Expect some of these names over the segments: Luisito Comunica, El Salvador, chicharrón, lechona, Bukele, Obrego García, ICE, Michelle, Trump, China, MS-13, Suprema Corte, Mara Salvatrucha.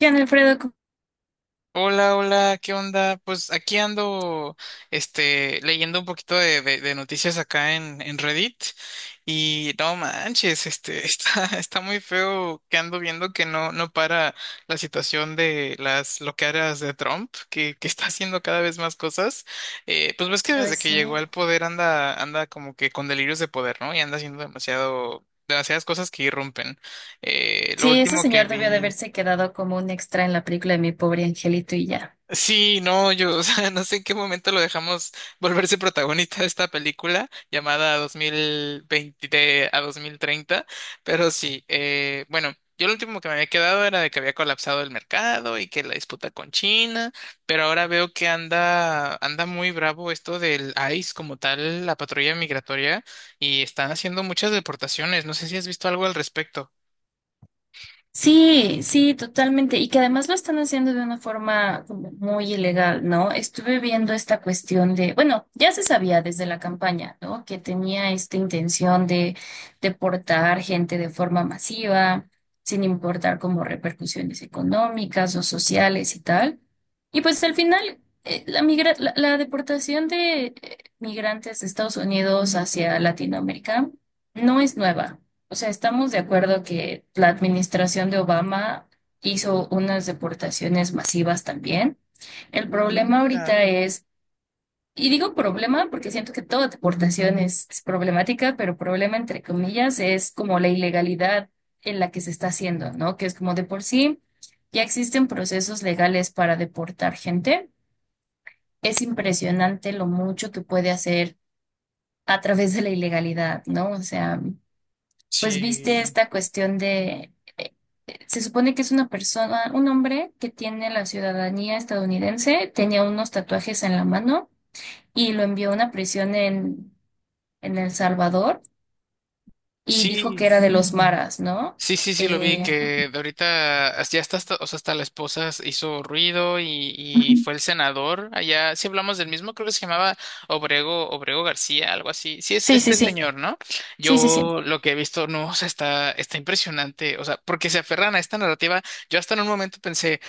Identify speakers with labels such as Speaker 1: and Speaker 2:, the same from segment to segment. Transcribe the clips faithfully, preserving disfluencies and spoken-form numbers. Speaker 1: Gian Alfredo, Co-
Speaker 2: Hola, hola, ¿qué onda? Pues aquí ando, este, leyendo un poquito de, de- de noticias acá en, en Reddit y no manches, este, está, está muy feo que ando viendo que no, no para la situación de las loqueras de Trump, que, que está haciendo cada vez más cosas. Eh, pues ves que
Speaker 1: no
Speaker 2: desde
Speaker 1: ese.
Speaker 2: que
Speaker 1: Sí,
Speaker 2: llegó al poder anda, anda como que con delirios de poder, ¿no? Y anda haciendo demasiado, demasiadas cosas que irrumpen. Eh, lo
Speaker 1: sí, ese
Speaker 2: último que
Speaker 1: señor debió de
Speaker 2: vi.
Speaker 1: haberse quedado como un extra en la película de Mi pobre angelito y ya.
Speaker 2: Sí, no, yo, o sea, no sé en qué momento lo dejamos volverse protagonista de esta película llamada dos mil veinte a dos mil treinta, pero sí, eh, bueno, yo lo último que me había quedado era de que había colapsado el mercado y que la disputa con China, pero ahora veo que anda, anda muy bravo esto del I C E como tal, la patrulla migratoria, y están haciendo muchas deportaciones, no sé si has visto algo al respecto.
Speaker 1: Sí, sí, totalmente. Y que además lo están haciendo de una forma como muy ilegal, ¿no? Estuve viendo esta cuestión de, bueno, ya se sabía desde la campaña, ¿no? Que tenía esta intención de deportar gente de forma masiva, sin importar como repercusiones económicas o sociales y tal. Y pues al final, eh, la migra- la, la deportación de eh, migrantes de Estados Unidos hacia Latinoamérica no es nueva. O sea, estamos de acuerdo que la administración de Obama hizo unas deportaciones masivas también. El problema
Speaker 2: Ah,
Speaker 1: ahorita es, y digo problema porque siento que toda deportación es, es problemática, pero problema entre comillas es como la ilegalidad en la que se está haciendo, ¿no? Que es como de por sí, ya existen procesos legales para deportar gente. Es impresionante lo mucho que puede hacer a través de la ilegalidad, ¿no? O sea, pues viste
Speaker 2: sí,
Speaker 1: esta cuestión de, eh, eh, se supone que es una persona, un hombre que tiene la ciudadanía estadounidense, tenía unos tatuajes en la mano y lo envió a una prisión en, en El Salvador y dijo que era
Speaker 2: sí.
Speaker 1: de los maras, ¿no?
Speaker 2: Sí, sí, sí, lo vi,
Speaker 1: Eh,
Speaker 2: que de ahorita as- ya está, hasta, o sea, hasta la esposa s- hizo ruido y,
Speaker 1: Ujú.
Speaker 2: y fue el senador allá, si hablamos del mismo, creo que se llamaba Obrego, Obrego García, algo así. Sí, es
Speaker 1: Sí, sí,
Speaker 2: este
Speaker 1: sí,
Speaker 2: señor, ¿no?
Speaker 1: sí, sí, sí,
Speaker 2: Yo lo que he visto, no, o sea, está, está impresionante, o sea, porque se aferran a esta narrativa, yo hasta en un momento pensé,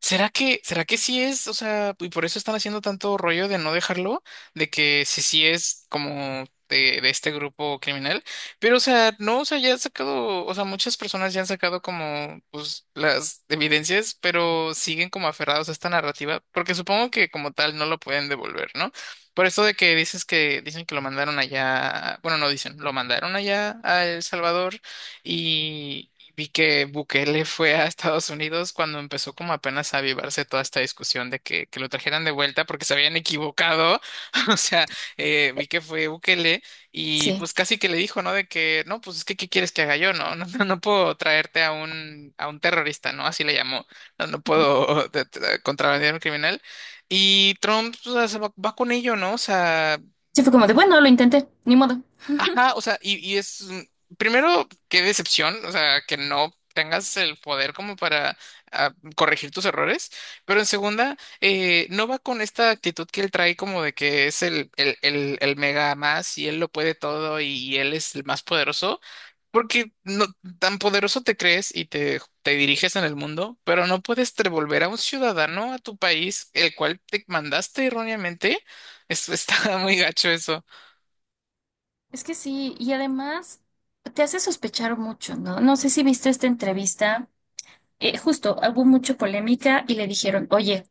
Speaker 2: ¿será que, será que sí es? O sea, y por eso están haciendo tanto rollo de no dejarlo, de que si sí es como... De, de este grupo criminal. Pero, o sea, no, o sea, ya han sacado, o sea, muchas personas ya han sacado como, pues, las evidencias, pero siguen como aferrados a esta narrativa, porque supongo que como tal no lo pueden devolver, ¿no? Por eso de que dices que, dicen que lo mandaron allá, bueno, no dicen, lo mandaron allá a El Salvador y vi que Bukele fue a Estados Unidos cuando empezó como apenas a avivarse toda esta discusión de que, que lo trajeran de vuelta porque se habían equivocado, o sea, eh, vi que fue Bukele. Y
Speaker 1: sí.
Speaker 2: pues casi que le dijo, ¿no? De que, no, pues es que, ¿qué quieres que haga yo? No, no, no, no puedo traerte a un, a un terrorista, ¿no? Así le llamó. No, no puedo de- de- contrabandear a un criminal. Y Trump, pues, o sea, se va, va con ello, ¿no? O sea,
Speaker 1: Sí, fue como de, bueno, lo intenté, ni modo.
Speaker 2: ajá, o sea, y, y es, mm, primero, qué decepción, o sea, que no tengas el poder como para ah, corregir tus errores, pero en segunda, eh, no va con esta actitud que él trae como de que es el, el, el, el mega más y él lo puede todo y él es el más poderoso porque no, tan poderoso te crees y te, te diriges en el mundo, pero no puedes devolver a un ciudadano a tu país, el cual te mandaste erróneamente. Eso está muy gacho eso.
Speaker 1: Es que sí, y además te hace sospechar mucho, ¿no? No sé si viste esta entrevista. Eh, justo hubo mucha polémica y le dijeron, oye,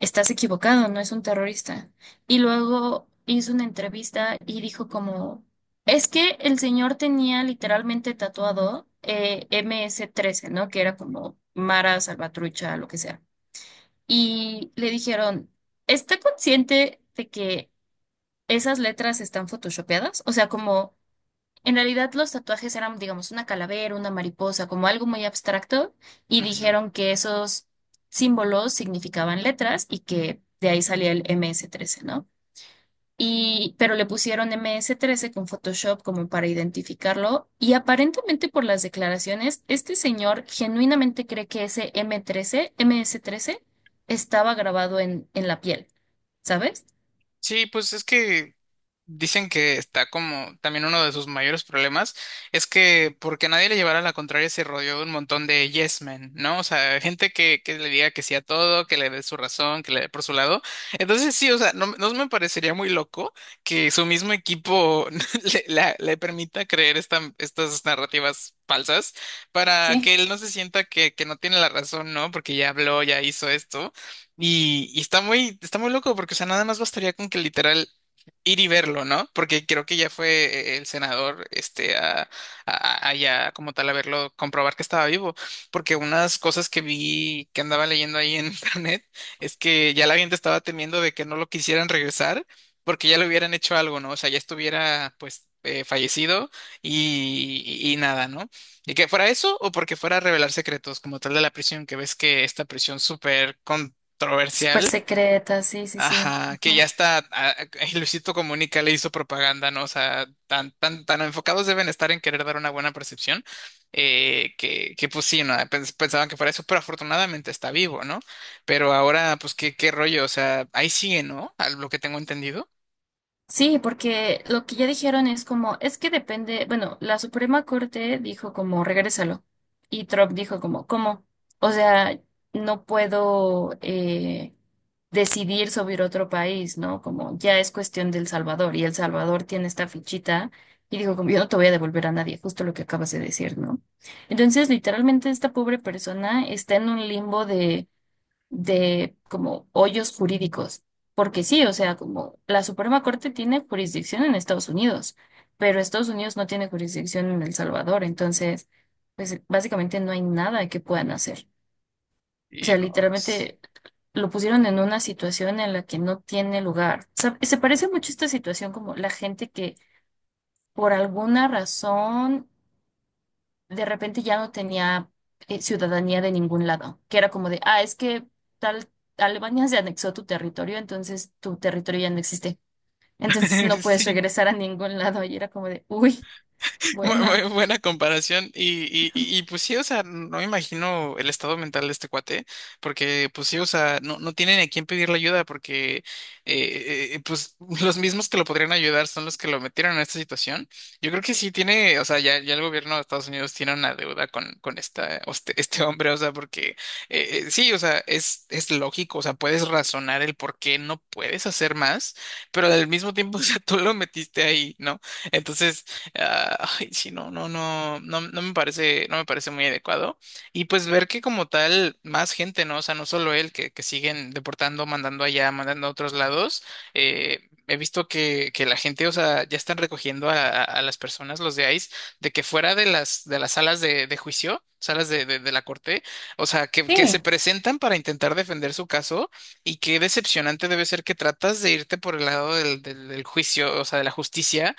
Speaker 1: estás equivocado, no es un terrorista. Y luego hizo una entrevista y dijo como, es que el señor tenía literalmente tatuado eh, M S trece, ¿no? Que era como Mara, Salvatrucha, lo que sea. Y le dijeron, ¿está consciente de que esas letras están photoshopeadas? O sea, como... En realidad los tatuajes eran, digamos, una calavera, una mariposa, como algo muy abstracto, y
Speaker 2: Ujú.
Speaker 1: dijeron que esos símbolos significaban letras y que de ahí salía el M S trece, ¿no? Y pero le pusieron M S trece con Photoshop como para identificarlo, y aparentemente por las declaraciones, este señor genuinamente cree que ese M trece, M S trece, estaba grabado en, en la piel, ¿sabes?
Speaker 2: Sí, pues es que dicen que está como también uno de sus mayores problemas es que porque nadie le llevara la contraria se rodeó de un montón de yes men, ¿no? O sea, gente que, que le diga que sí a todo, que le dé su razón, que le dé por su lado. Entonces sí, o sea, no, no me parecería muy loco que su mismo equipo le, la- le permita creer esta- estas narrativas falsas para
Speaker 1: Sí.
Speaker 2: que él no se sienta que, que no tiene la razón, ¿no? Porque ya habló, ya hizo esto. Y, y está muy, está muy loco porque, o sea, nada más bastaría con que literal ir y verlo, ¿no? Porque creo que ya fue eh, el senador, este, a, a- allá como tal a verlo, comprobar que estaba vivo, porque unas cosas que vi, que andaba leyendo ahí en internet, es que ya la gente estaba temiendo de que no lo quisieran regresar, porque ya le hubieran hecho algo, ¿no? O sea, ya estuviera, pues, eh, fallecido y, y- y nada, ¿no? Y que fuera eso o porque fuera a revelar secretos como tal de la prisión, que ves que esta prisión súper
Speaker 1: Súper
Speaker 2: controversial.
Speaker 1: secreta, sí, sí, sí.
Speaker 2: Ajá, que ya
Speaker 1: Ujú.
Speaker 2: está, a- a- Luisito Comunica le hizo propaganda, ¿no? O sea, tan, tan, tan enfocados deben estar en querer dar una buena percepción, eh, que, que pues sí, ¿no? Pens- Pensaban que fuera eso, pero afortunadamente está vivo, ¿no? Pero ahora, pues, ¿qué, qué rollo? O sea, ahí sigue, ¿no? A lo que tengo entendido.
Speaker 1: Sí, porque lo que ya dijeron es como, es que depende, bueno, la Suprema Corte dijo como, regrésalo. Y Trump dijo como, ¿cómo? O sea, no puedo eh, decidir sobre otro país, ¿no? Como ya es cuestión del Salvador y El Salvador tiene esta fichita y dijo como, yo no te voy a devolver a nadie, justo lo que acabas de decir, ¿no? Entonces, literalmente esta pobre persona está en un limbo de de como hoyos jurídicos, porque sí, o sea, como la Suprema Corte tiene jurisdicción en Estados Unidos, pero Estados Unidos no tiene jurisdicción en El Salvador, entonces, pues básicamente no hay nada que puedan hacer. O
Speaker 2: Y
Speaker 1: sea,
Speaker 2: no, es-
Speaker 1: literalmente lo pusieron en una situación en la que no tiene lugar. O sea, se parece mucho esta situación como la gente que por alguna razón de repente ya no tenía eh, ciudadanía de ningún lado, que era como de, ah, es que tal Alemania se anexó tu territorio, entonces tu territorio ya no existe, entonces no puedes
Speaker 2: sí.
Speaker 1: regresar a ningún lado y era como de, uy,
Speaker 2: Muy,
Speaker 1: bueno,
Speaker 2: muy buena comparación. Y, y, y y, pues sí, o sea, no me imagino el estado mental de este cuate, porque pues sí, o sea, no, no tienen a quién pedirle ayuda, porque eh, eh, pues los mismos que lo podrían ayudar son los que lo metieron en esta situación. Yo creo que sí tiene, o sea, ya, ya el gobierno de Estados Unidos tiene una deuda con, con esta, este, este hombre, o sea, porque eh, eh, sí, o sea, es, es lógico, o sea, puedes razonar el por qué no puedes hacer más, pero al mismo tiempo, o sea, tú lo metiste ahí, ¿no? Entonces ah, ay, sí, no, no, no, no, no me parece, no me parece muy adecuado. Y pues ver que como tal, más gente, ¿no? O sea, no solo él, que, que siguen deportando, mandando allá, mandando a otros lados. Eh, He visto que, que la gente, o sea, ya están recogiendo a, a- a las personas, los de I C E, de que fuera de las, de las salas de, de juicio, salas de, de, de la corte, o sea, que, que se
Speaker 1: sí.
Speaker 2: presentan para intentar defender su caso. Y qué decepcionante debe ser que tratas de irte por el lado del, del del juicio, o sea, de la justicia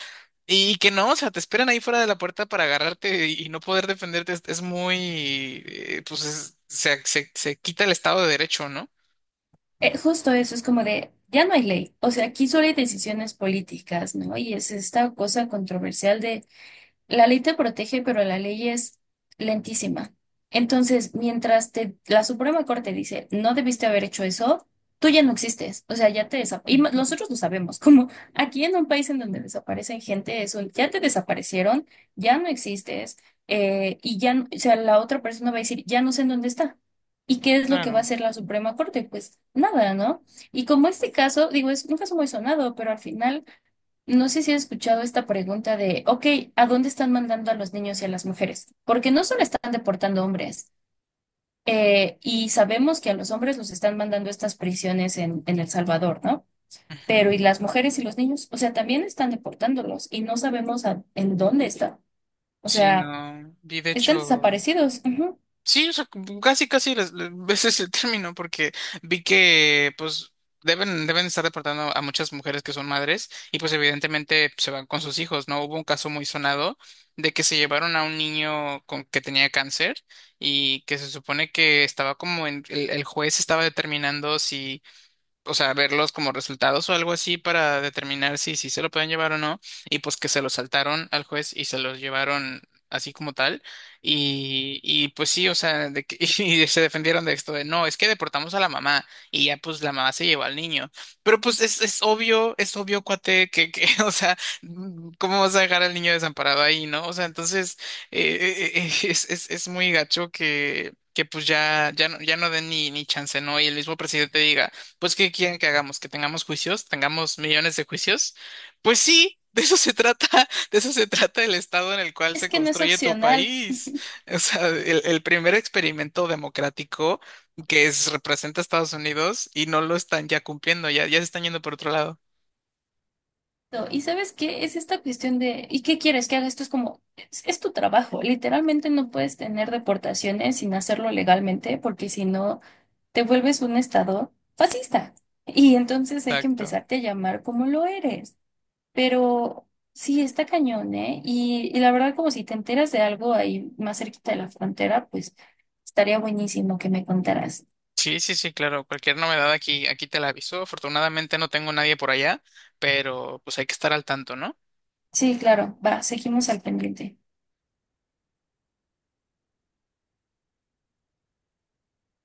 Speaker 2: y que no, o sea, te esperan ahí fuera de la puerta para agarrarte y no poder defenderte. Es, es muy, eh, pues es- se, se, se quita el Estado de Derecho, ¿no?
Speaker 1: eh, Justo eso es como de, ya no hay ley, o sea, aquí solo hay decisiones políticas, ¿no? Y es esta cosa controversial de: la ley te protege, pero la ley es lentísima. Entonces, mientras te, la Suprema Corte dice, no debiste haber hecho eso, tú ya no existes. O sea, ya te desaparecen. Y ma- nosotros lo sabemos, como aquí en un país en donde desaparecen gente, es un, ya te desaparecieron, ya no existes, eh, y ya, n- o sea, la otra persona va a decir, ya no sé en dónde está. ¿Y qué es lo que va a
Speaker 2: Claro.
Speaker 1: hacer la Suprema Corte? Pues nada, ¿no? Y como este caso, digo, es un caso muy sonado, pero al final... No sé si has escuchado esta pregunta de, ok, ¿a dónde están mandando a los niños y a las mujeres? Porque no solo están deportando hombres, eh, y sabemos que a los hombres los están mandando a estas prisiones en, en El Salvador, ¿no? Pero
Speaker 2: Ujú.
Speaker 1: ¿y las mujeres y los niños? O sea, también están deportándolos y no sabemos a- en dónde están. O
Speaker 2: Sí,
Speaker 1: sea,
Speaker 2: no. Vi de
Speaker 1: están
Speaker 2: hecho.
Speaker 1: desaparecidos. Ujú.
Speaker 2: Sí, o sea, como casi, casi, les- les- ese es el término, porque vi que, pues, deben, deben estar deportando a muchas mujeres que son madres y, pues, evidentemente se van con sus hijos, ¿no? Hubo un caso muy sonado de que se llevaron a un niño con, que tenía cáncer y que se supone que estaba como en, el, el juez estaba determinando si o sea, verlos como resultados o algo así para determinar si, si se lo pueden llevar o no, y pues que se lo saltaron al juez y se los llevaron así como tal, y, y pues sí, o sea, de que, y se defendieron de esto de, no, es que deportamos a la mamá, y ya pues la mamá se llevó al niño, pero pues es, es obvio, es obvio, cuate, que, que, o sea, ¿cómo vas a dejar al niño desamparado ahí, no? O sea, entonces, eh, eh, eh, es, es, es muy gacho que... Que pues ya, ya no, ya no den ni, ni chance, ¿no? Y el mismo presidente diga, pues, ¿qué quieren que hagamos? ¿Que tengamos juicios? ¿Tengamos millones de juicios? Pues sí, de eso se trata, de eso se trata el estado en el cual
Speaker 1: Es
Speaker 2: se
Speaker 1: que no es
Speaker 2: construye tu
Speaker 1: opcional.
Speaker 2: país. O sea, el, el primer experimento democrático que es- representa a Estados Unidos y no lo están ya cumpliendo, ya, ya se están yendo por otro lado.
Speaker 1: ¿Y sabes qué? Es esta cuestión de, ¿y qué quieres que haga? Esto es como, es, es tu trabajo. Literalmente no puedes tener deportaciones sin hacerlo legalmente, porque si no, te vuelves un estado fascista. Y entonces hay que
Speaker 2: Exacto.
Speaker 1: empezarte a llamar como lo eres. Pero sí, está cañón, ¿eh? Y, y la verdad, como si te enteras de algo ahí más cerquita de la frontera, pues estaría buenísimo que me contaras.
Speaker 2: Sí, sí, sí, claro. Cualquier novedad aquí, aquí te la aviso. Afortunadamente no tengo nadie por allá, pero pues hay que estar al tanto, ¿no?
Speaker 1: Sí, claro, va, seguimos al pendiente.